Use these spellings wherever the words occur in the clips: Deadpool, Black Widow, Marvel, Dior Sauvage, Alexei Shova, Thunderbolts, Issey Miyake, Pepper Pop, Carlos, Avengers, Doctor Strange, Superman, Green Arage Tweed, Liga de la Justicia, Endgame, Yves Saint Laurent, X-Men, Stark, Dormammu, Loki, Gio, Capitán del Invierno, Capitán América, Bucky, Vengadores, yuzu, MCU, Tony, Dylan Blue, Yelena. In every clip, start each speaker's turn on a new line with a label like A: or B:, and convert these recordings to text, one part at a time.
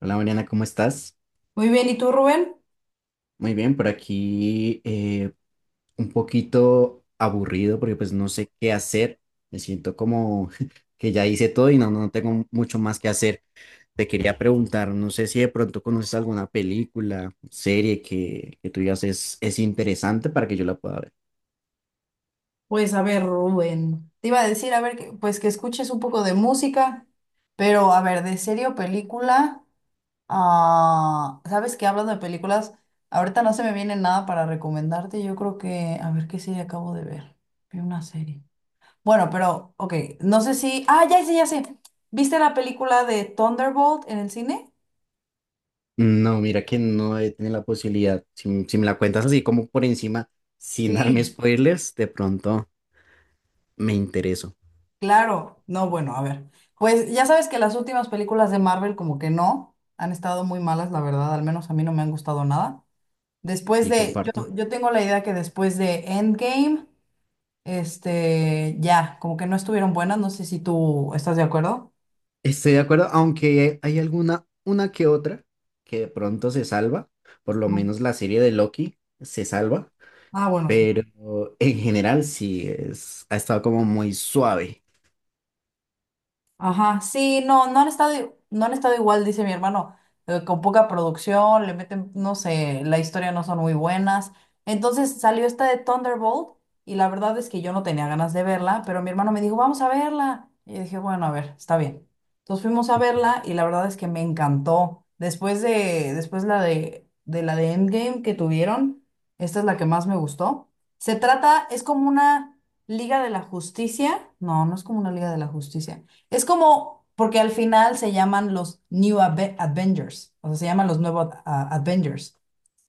A: Hola Mariana, ¿cómo estás?
B: Muy bien, ¿y tú, Rubén?
A: Muy bien, por aquí un poquito aburrido porque pues no sé qué hacer. Me siento como que ya hice todo y no tengo mucho más que hacer. Te quería preguntar, no sé si de pronto conoces alguna película, serie que tú digas es interesante para que yo la pueda ver.
B: Pues a ver, Rubén, te iba a decir, a ver, pues que escuches un poco de música, pero a ver, de serie o película, ah, ¿sabes qué? Hablando de películas, ahorita no se me viene nada para recomendarte, yo creo que, a ver, ¿qué serie acabo de ver? Vi una serie. Bueno, pero, ok, no sé si, ah, ya sé, ¿viste la película de Thunderbolt en el cine?
A: No, mira que no he tenido la posibilidad. Si me la cuentas así como por encima, sin darme
B: Sí.
A: spoilers, de pronto me intereso.
B: Claro, no, bueno, a ver. Pues ya sabes que las últimas películas de Marvel como que no, han estado muy malas, la verdad, al menos a mí no me han gustado nada. Después
A: Sí,
B: de, yo,
A: comparto.
B: yo tengo la idea que después de Endgame, este, ya, como que no estuvieron buenas, no sé si tú estás de acuerdo.
A: Estoy de acuerdo, aunque hay alguna, una que otra que de pronto se salva, por lo menos la serie de Loki se salva,
B: Ah, bueno, sí.
A: pero en general sí es, ha estado como muy suave.
B: Ajá, sí, no, no han estado, no han estado igual, dice mi hermano, con poca producción, le meten, no sé, la historia no son muy buenas. Entonces salió esta de Thunderbolt y la verdad es que yo no tenía ganas de verla, pero mi hermano me dijo, vamos a verla. Y dije, bueno, a ver, está bien. Entonces fuimos a verla y la verdad es que me encantó. Después de, después la de la de Endgame que tuvieron, esta es la que más me gustó. Se trata, es como una Liga de la Justicia. No, no es como una Liga de la Justicia. Es como, porque al final se llaman los Avengers, o sea, se llaman los nuevos Avengers.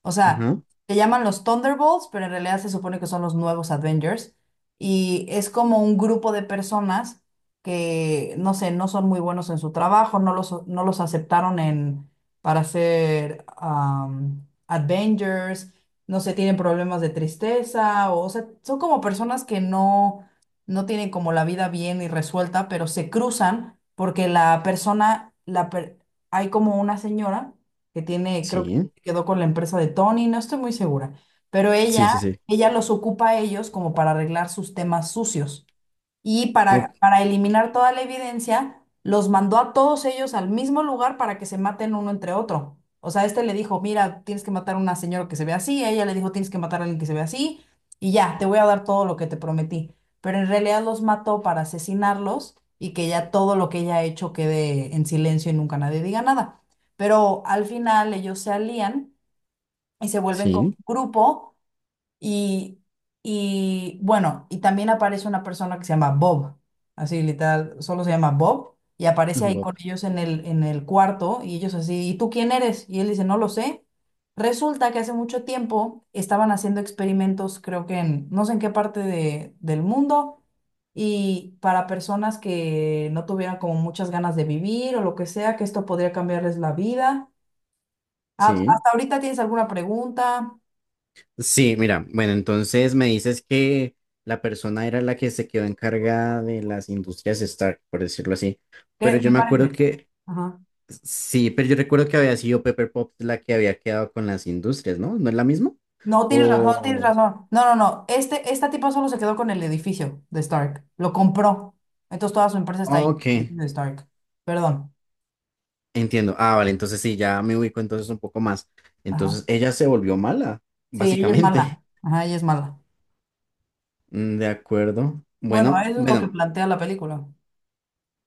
B: O sea,
A: Ajá.
B: se llaman los Thunderbolts, pero en realidad se supone que son los nuevos Avengers. Y es como un grupo de personas que, no sé, no son muy buenos en su trabajo, no los aceptaron en, para ser Avengers, no sé, tienen problemas de tristeza, o sea, son como personas que no, no tienen como la vida bien y resuelta, pero se cruzan porque la persona, hay como una señora que tiene, creo
A: Sí,
B: quedó con la empresa de Tony, no estoy muy segura, pero
A: sí,
B: ella,
A: sí, sí.
B: ella los ocupa a ellos como para arreglar sus temas sucios y
A: Ok,
B: para eliminar toda la evidencia, los mandó a todos ellos al mismo lugar para que se maten uno entre otro. O sea, este le dijo, mira, tienes que matar a una señora que se ve así, ella le dijo, tienes que matar a alguien que se ve así, y ya, te voy a dar todo lo que te prometí. Pero en realidad los mató para asesinarlos y que ya todo lo que ella ha hecho quede en silencio y nunca nadie diga nada. Pero al final ellos se alían y se vuelven como
A: sí,
B: un grupo y, y bueno, y también aparece una persona que se llama Bob, así literal, solo se llama Bob y aparece ahí
A: Bob,
B: con ellos en el cuarto y ellos así, ¿y tú quién eres? Y él dice, no lo sé. Resulta que hace mucho tiempo estaban haciendo experimentos, creo que en no sé en qué parte del mundo, y para personas que no tuvieran como muchas ganas de vivir o lo que sea, que esto podría cambiarles la vida. Ah,
A: sí.
B: ¿hasta ahorita tienes alguna pregunta?
A: Sí, mira, bueno, entonces me dices que la persona era la que se quedó encargada de las industrias Stark, por decirlo así, pero yo
B: Me
A: me acuerdo
B: parece.
A: que
B: Ajá.
A: sí, pero yo recuerdo que había sido Pepper Pop la que había quedado con las industrias, ¿no? ¿No es la misma?
B: No, tienes razón, tienes
A: O...
B: razón. No, no, no. Este, esta tipa solo se quedó con el edificio de Stark. Lo compró. Entonces toda su empresa está
A: oh,
B: ahí.
A: ok,
B: De Stark. Perdón.
A: entiendo. Ah, vale, entonces sí, ya me ubico entonces un poco más.
B: Ajá.
A: Entonces ella se volvió mala,
B: Sí, ella es
A: básicamente.
B: mala. Ajá, ella es mala.
A: Mm, de acuerdo.
B: Bueno,
A: Bueno,
B: eso es lo que
A: bueno,
B: plantea la película.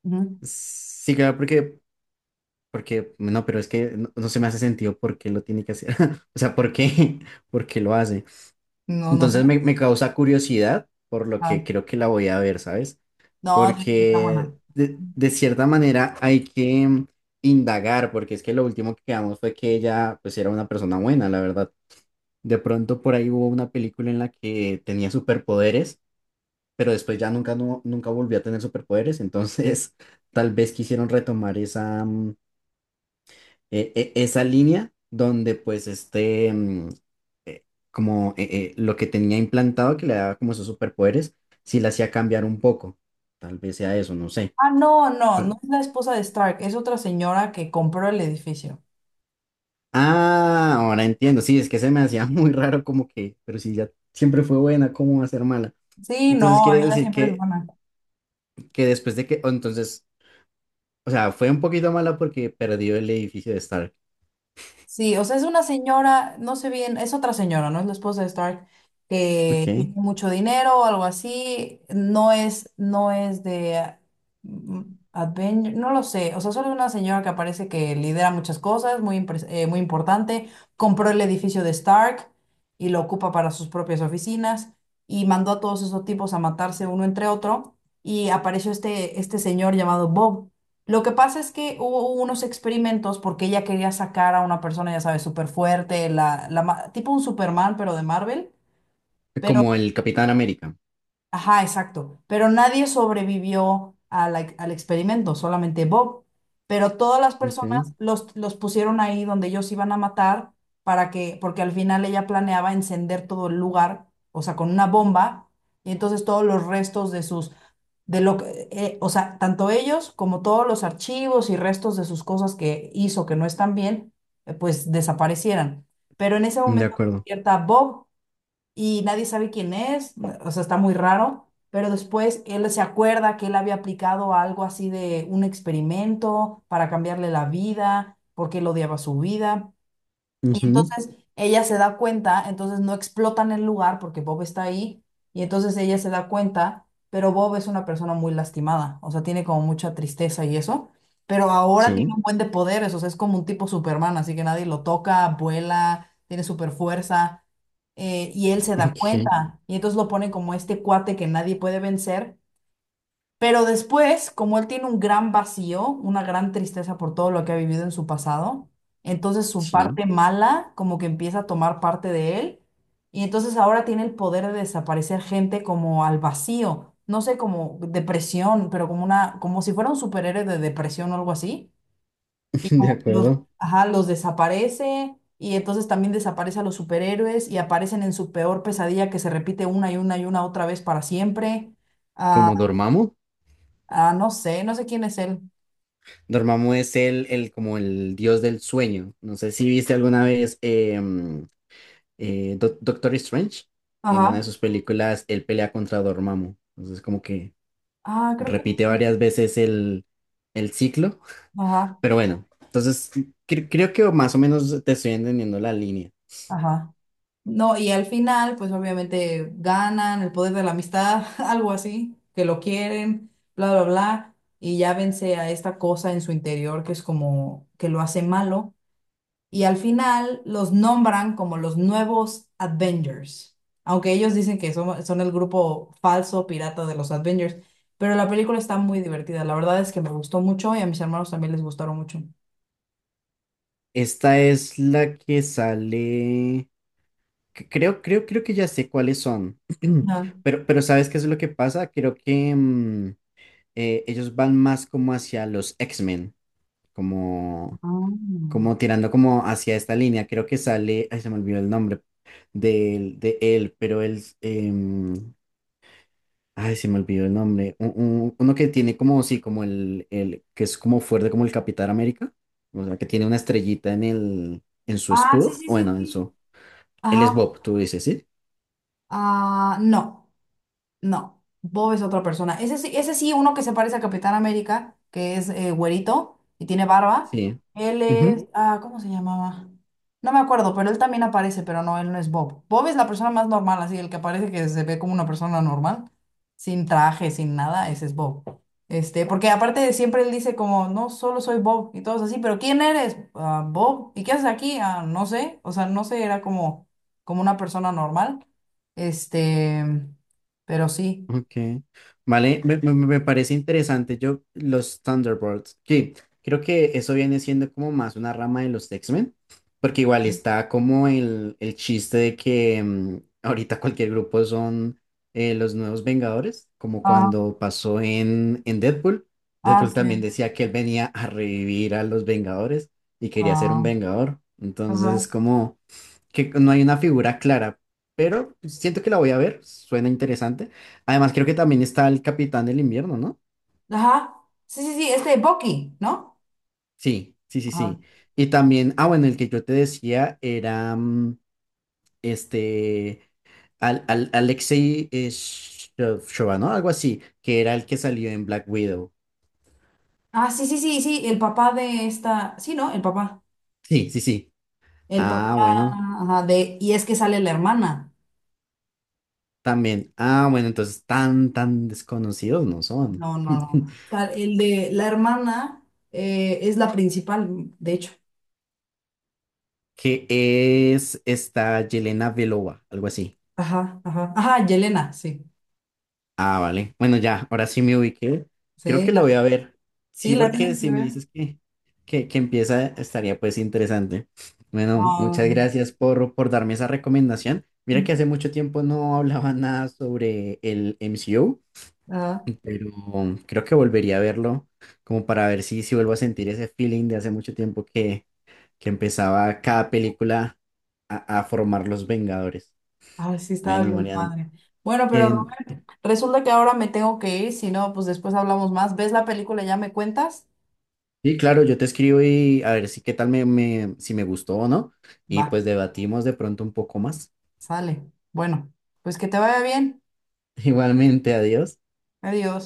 B: Ujú.
A: sí, claro, no, pero es que no se me hace sentido por qué lo tiene que hacer. O sea, ¿por qué? ¿Por qué lo hace?
B: No, no sé.
A: Entonces me causa curiosidad, por lo
B: Ah,
A: que creo que la voy a ver, ¿sabes?
B: no, sí, está
A: Porque
B: buena.
A: de cierta manera hay que indagar, porque es que lo último que quedamos fue que ella pues era una persona buena, la verdad. De pronto por ahí hubo una película en la que tenía superpoderes, pero después ya nunca, no, nunca volvió a tener superpoderes, entonces tal vez quisieron retomar esa, esa línea donde pues este, mm, eh, como lo que tenía implantado que le daba como esos superpoderes, si la hacía cambiar un poco, tal vez sea eso, no sé.
B: Ah, no, no, no es la esposa de Stark, es otra señora que compró el edificio.
A: Ah, ahora entiendo. Sí, es que se me hacía muy raro como que, pero si ya siempre fue buena, ¿cómo va a ser mala?
B: Sí,
A: Entonces,
B: no,
A: ¿quieres
B: ella
A: decir
B: siempre es buena.
A: que después de que, o entonces, o sea, fue un poquito mala porque perdió el edificio de Stark.
B: Sí, o sea, es una señora, no sé bien, es otra señora, ¿no? Es la esposa de Stark, que tiene
A: Ok.
B: mucho dinero o algo así. No es, no es de mm, Avenger, no lo sé. O sea, solo es una señora que aparece que lidera muchas cosas, muy, muy importante. Compró el edificio de Stark y lo ocupa para sus propias oficinas y mandó a todos esos tipos a matarse uno entre otro. Y apareció este, este señor llamado Bob lo que pasa es que hubo unos experimentos porque ella quería sacar a una persona, ya sabes, súper fuerte, la, tipo un Superman, pero de Marvel. Pero,
A: Como el Capitán América.
B: ajá, exacto. Pero nadie sobrevivió a al experimento, solamente Bob. Pero todas las
A: Ok.
B: personas los pusieron ahí donde ellos iban a matar para que, porque al final ella planeaba encender todo el lugar, o sea, con una bomba. Y entonces todos los restos de sus de lo que, o sea, tanto ellos como todos los archivos y restos de sus cosas que hizo que no están bien, pues desaparecieran. Pero en ese
A: De
B: momento
A: acuerdo.
B: despierta Bob y nadie sabe quién es, o sea, está muy raro, pero después él se acuerda que él había aplicado algo así de un experimento para cambiarle la vida, porque él odiaba su vida. Y
A: Ujú,
B: entonces ella se da cuenta, entonces no explotan el lugar porque Bob está ahí, y entonces ella se da cuenta, pero Bob es una persona muy lastimada, o sea, tiene como mucha tristeza y eso, pero ahora tiene
A: sí.
B: un buen de poderes, o sea, es como un tipo Superman, así que nadie lo toca, vuela, tiene super fuerza, y él se da
A: Ok.
B: cuenta, y entonces lo pone como este cuate que nadie puede vencer, pero después, como él tiene un gran vacío, una gran tristeza por todo lo que ha vivido en su pasado, entonces su
A: Sí.
B: parte mala como que empieza a tomar parte de él y entonces ahora tiene el poder de desaparecer gente como al vacío, no sé, como depresión, pero como una, como si fuera un superhéroe de depresión o algo así y
A: De
B: como que los,
A: acuerdo.
B: ajá, los desaparece y entonces también desaparece a los superhéroes y aparecen en su peor pesadilla que se repite una y una y una otra vez para siempre.
A: Como Dormammu.
B: Ah, no sé, no sé quién es él.
A: Dormammu es el, como el dios del sueño. No sé si viste alguna vez Doctor Strange, en una de
B: Ajá.
A: sus películas, él pelea contra Dormammu. Entonces, como que
B: Ah, creo que sí.
A: repite varias veces el ciclo.
B: Ajá,
A: Pero bueno, entonces creo que más o menos te estoy entendiendo la línea.
B: ajá. No, y al final, pues obviamente ganan el poder de la amistad, algo así, que lo quieren, bla, bla, bla, y ya vence a esta cosa en su interior que es como que lo hace malo. Y al final los nombran como los nuevos Avengers, aunque ellos dicen que son, son el grupo falso pirata de los Avengers, pero la película está muy divertida, la verdad es que me gustó mucho y a mis hermanos también les gustaron mucho.
A: Esta es la que sale. Que Creo, creo, creo que ya sé cuáles son. Pero ¿sabes qué es lo que pasa? Creo que ellos van más como hacia los X-Men, como como
B: Ah,
A: tirando como hacia esta línea, creo que sale, ay, se me olvidó el nombre él, pero ay, se me olvidó el nombre, uno que tiene como, sí, como el, que es como fuerte como el Capitán América, o sea, que tiene una estrellita en en su
B: ah, sí,
A: escudo,
B: sí, sí,
A: bueno, en
B: sí.
A: su, él es
B: Ajá.
A: Bob, tú dices, ¿sí?
B: Ah, no. No, Bob es otra persona. Ese sí, uno que se parece a Capitán América, que es güerito y tiene barba.
A: Sí.
B: Él
A: Ujú.
B: es, ah, ¿cómo se llamaba? No me acuerdo, pero él también aparece, pero no, él no es Bob. Bob es la persona más normal, así, el que parece que se ve como una persona normal, sin traje, sin nada, ese es Bob. Este, porque aparte de siempre él dice como, no, solo soy Bob y todos así, pero ¿quién eres? "Ah, Bob. ¿Y qué haces aquí? Ah, no sé. O sea, no sé, era como, como una persona normal. Este pero sí.
A: Okay, vale, me parece interesante. Yo, los Thunderbolts, que creo que eso viene siendo como más una rama de los X-Men, porque igual está como el chiste de que ahorita cualquier grupo son los nuevos Vengadores, como
B: Ah,
A: cuando pasó en Deadpool.
B: ah,
A: Deadpool
B: sí.
A: también decía que él venía a revivir a los Vengadores y quería ser un
B: Ah,
A: Vengador. Entonces,
B: ajá.
A: como que no hay una figura clara, pero siento que la voy a ver, suena interesante. Además, creo que también está el Capitán del Invierno, ¿no?
B: Ajá. Sí, sí, sí, este Bucky, ¿no?
A: Sí, sí, sí,
B: Ajá.
A: sí. Y también, ah, bueno, el que yo te decía era este, Alexei Shova, ¿no? Algo así, que era el que salió en Black Widow.
B: Ah, sí, sí, sí, sí, el papá de esta. Sí, ¿no? El papá.
A: Sí, sí, sí.
B: El papá,
A: Ah, bueno,
B: ajá, de. Y es que sale la hermana.
A: también. Ah, bueno, entonces tan desconocidos no son.
B: No, no, no. El de la hermana es la principal, de hecho.
A: Que es esta Yelena Belova, algo así.
B: Ajá, ajá. Ajá, Yelena, sí.
A: Ah, vale. Bueno, ya, ahora sí me ubiqué. Creo
B: Sí,
A: que lo voy
B: la,
A: a ver.
B: sí,
A: Sí,
B: la
A: porque
B: tienes que
A: si me
B: ver.
A: dices que empieza, estaría pues interesante. Bueno,
B: Ah,
A: muchas gracias por darme esa recomendación. Mira que hace mucho tiempo no hablaba nada sobre el MCU,
B: ajá.
A: pero creo que volvería a verlo como para ver si, si vuelvo a sentir ese feeling de hace mucho tiempo que empezaba cada película a formar los Vengadores.
B: Ay, sí, estaba
A: Bueno,
B: bien
A: Mariana,
B: padre. Bueno, pero
A: eh,
B: Rubén, resulta que ahora me tengo que ir, si no, pues después hablamos más. ¿Ves la película y ya me cuentas?
A: sí, claro, yo te escribo y a ver si qué tal si me gustó o no. Y
B: Va,
A: pues debatimos de pronto un poco más.
B: sale. Bueno, pues que te vaya bien.
A: Igualmente, adiós.
B: Adiós.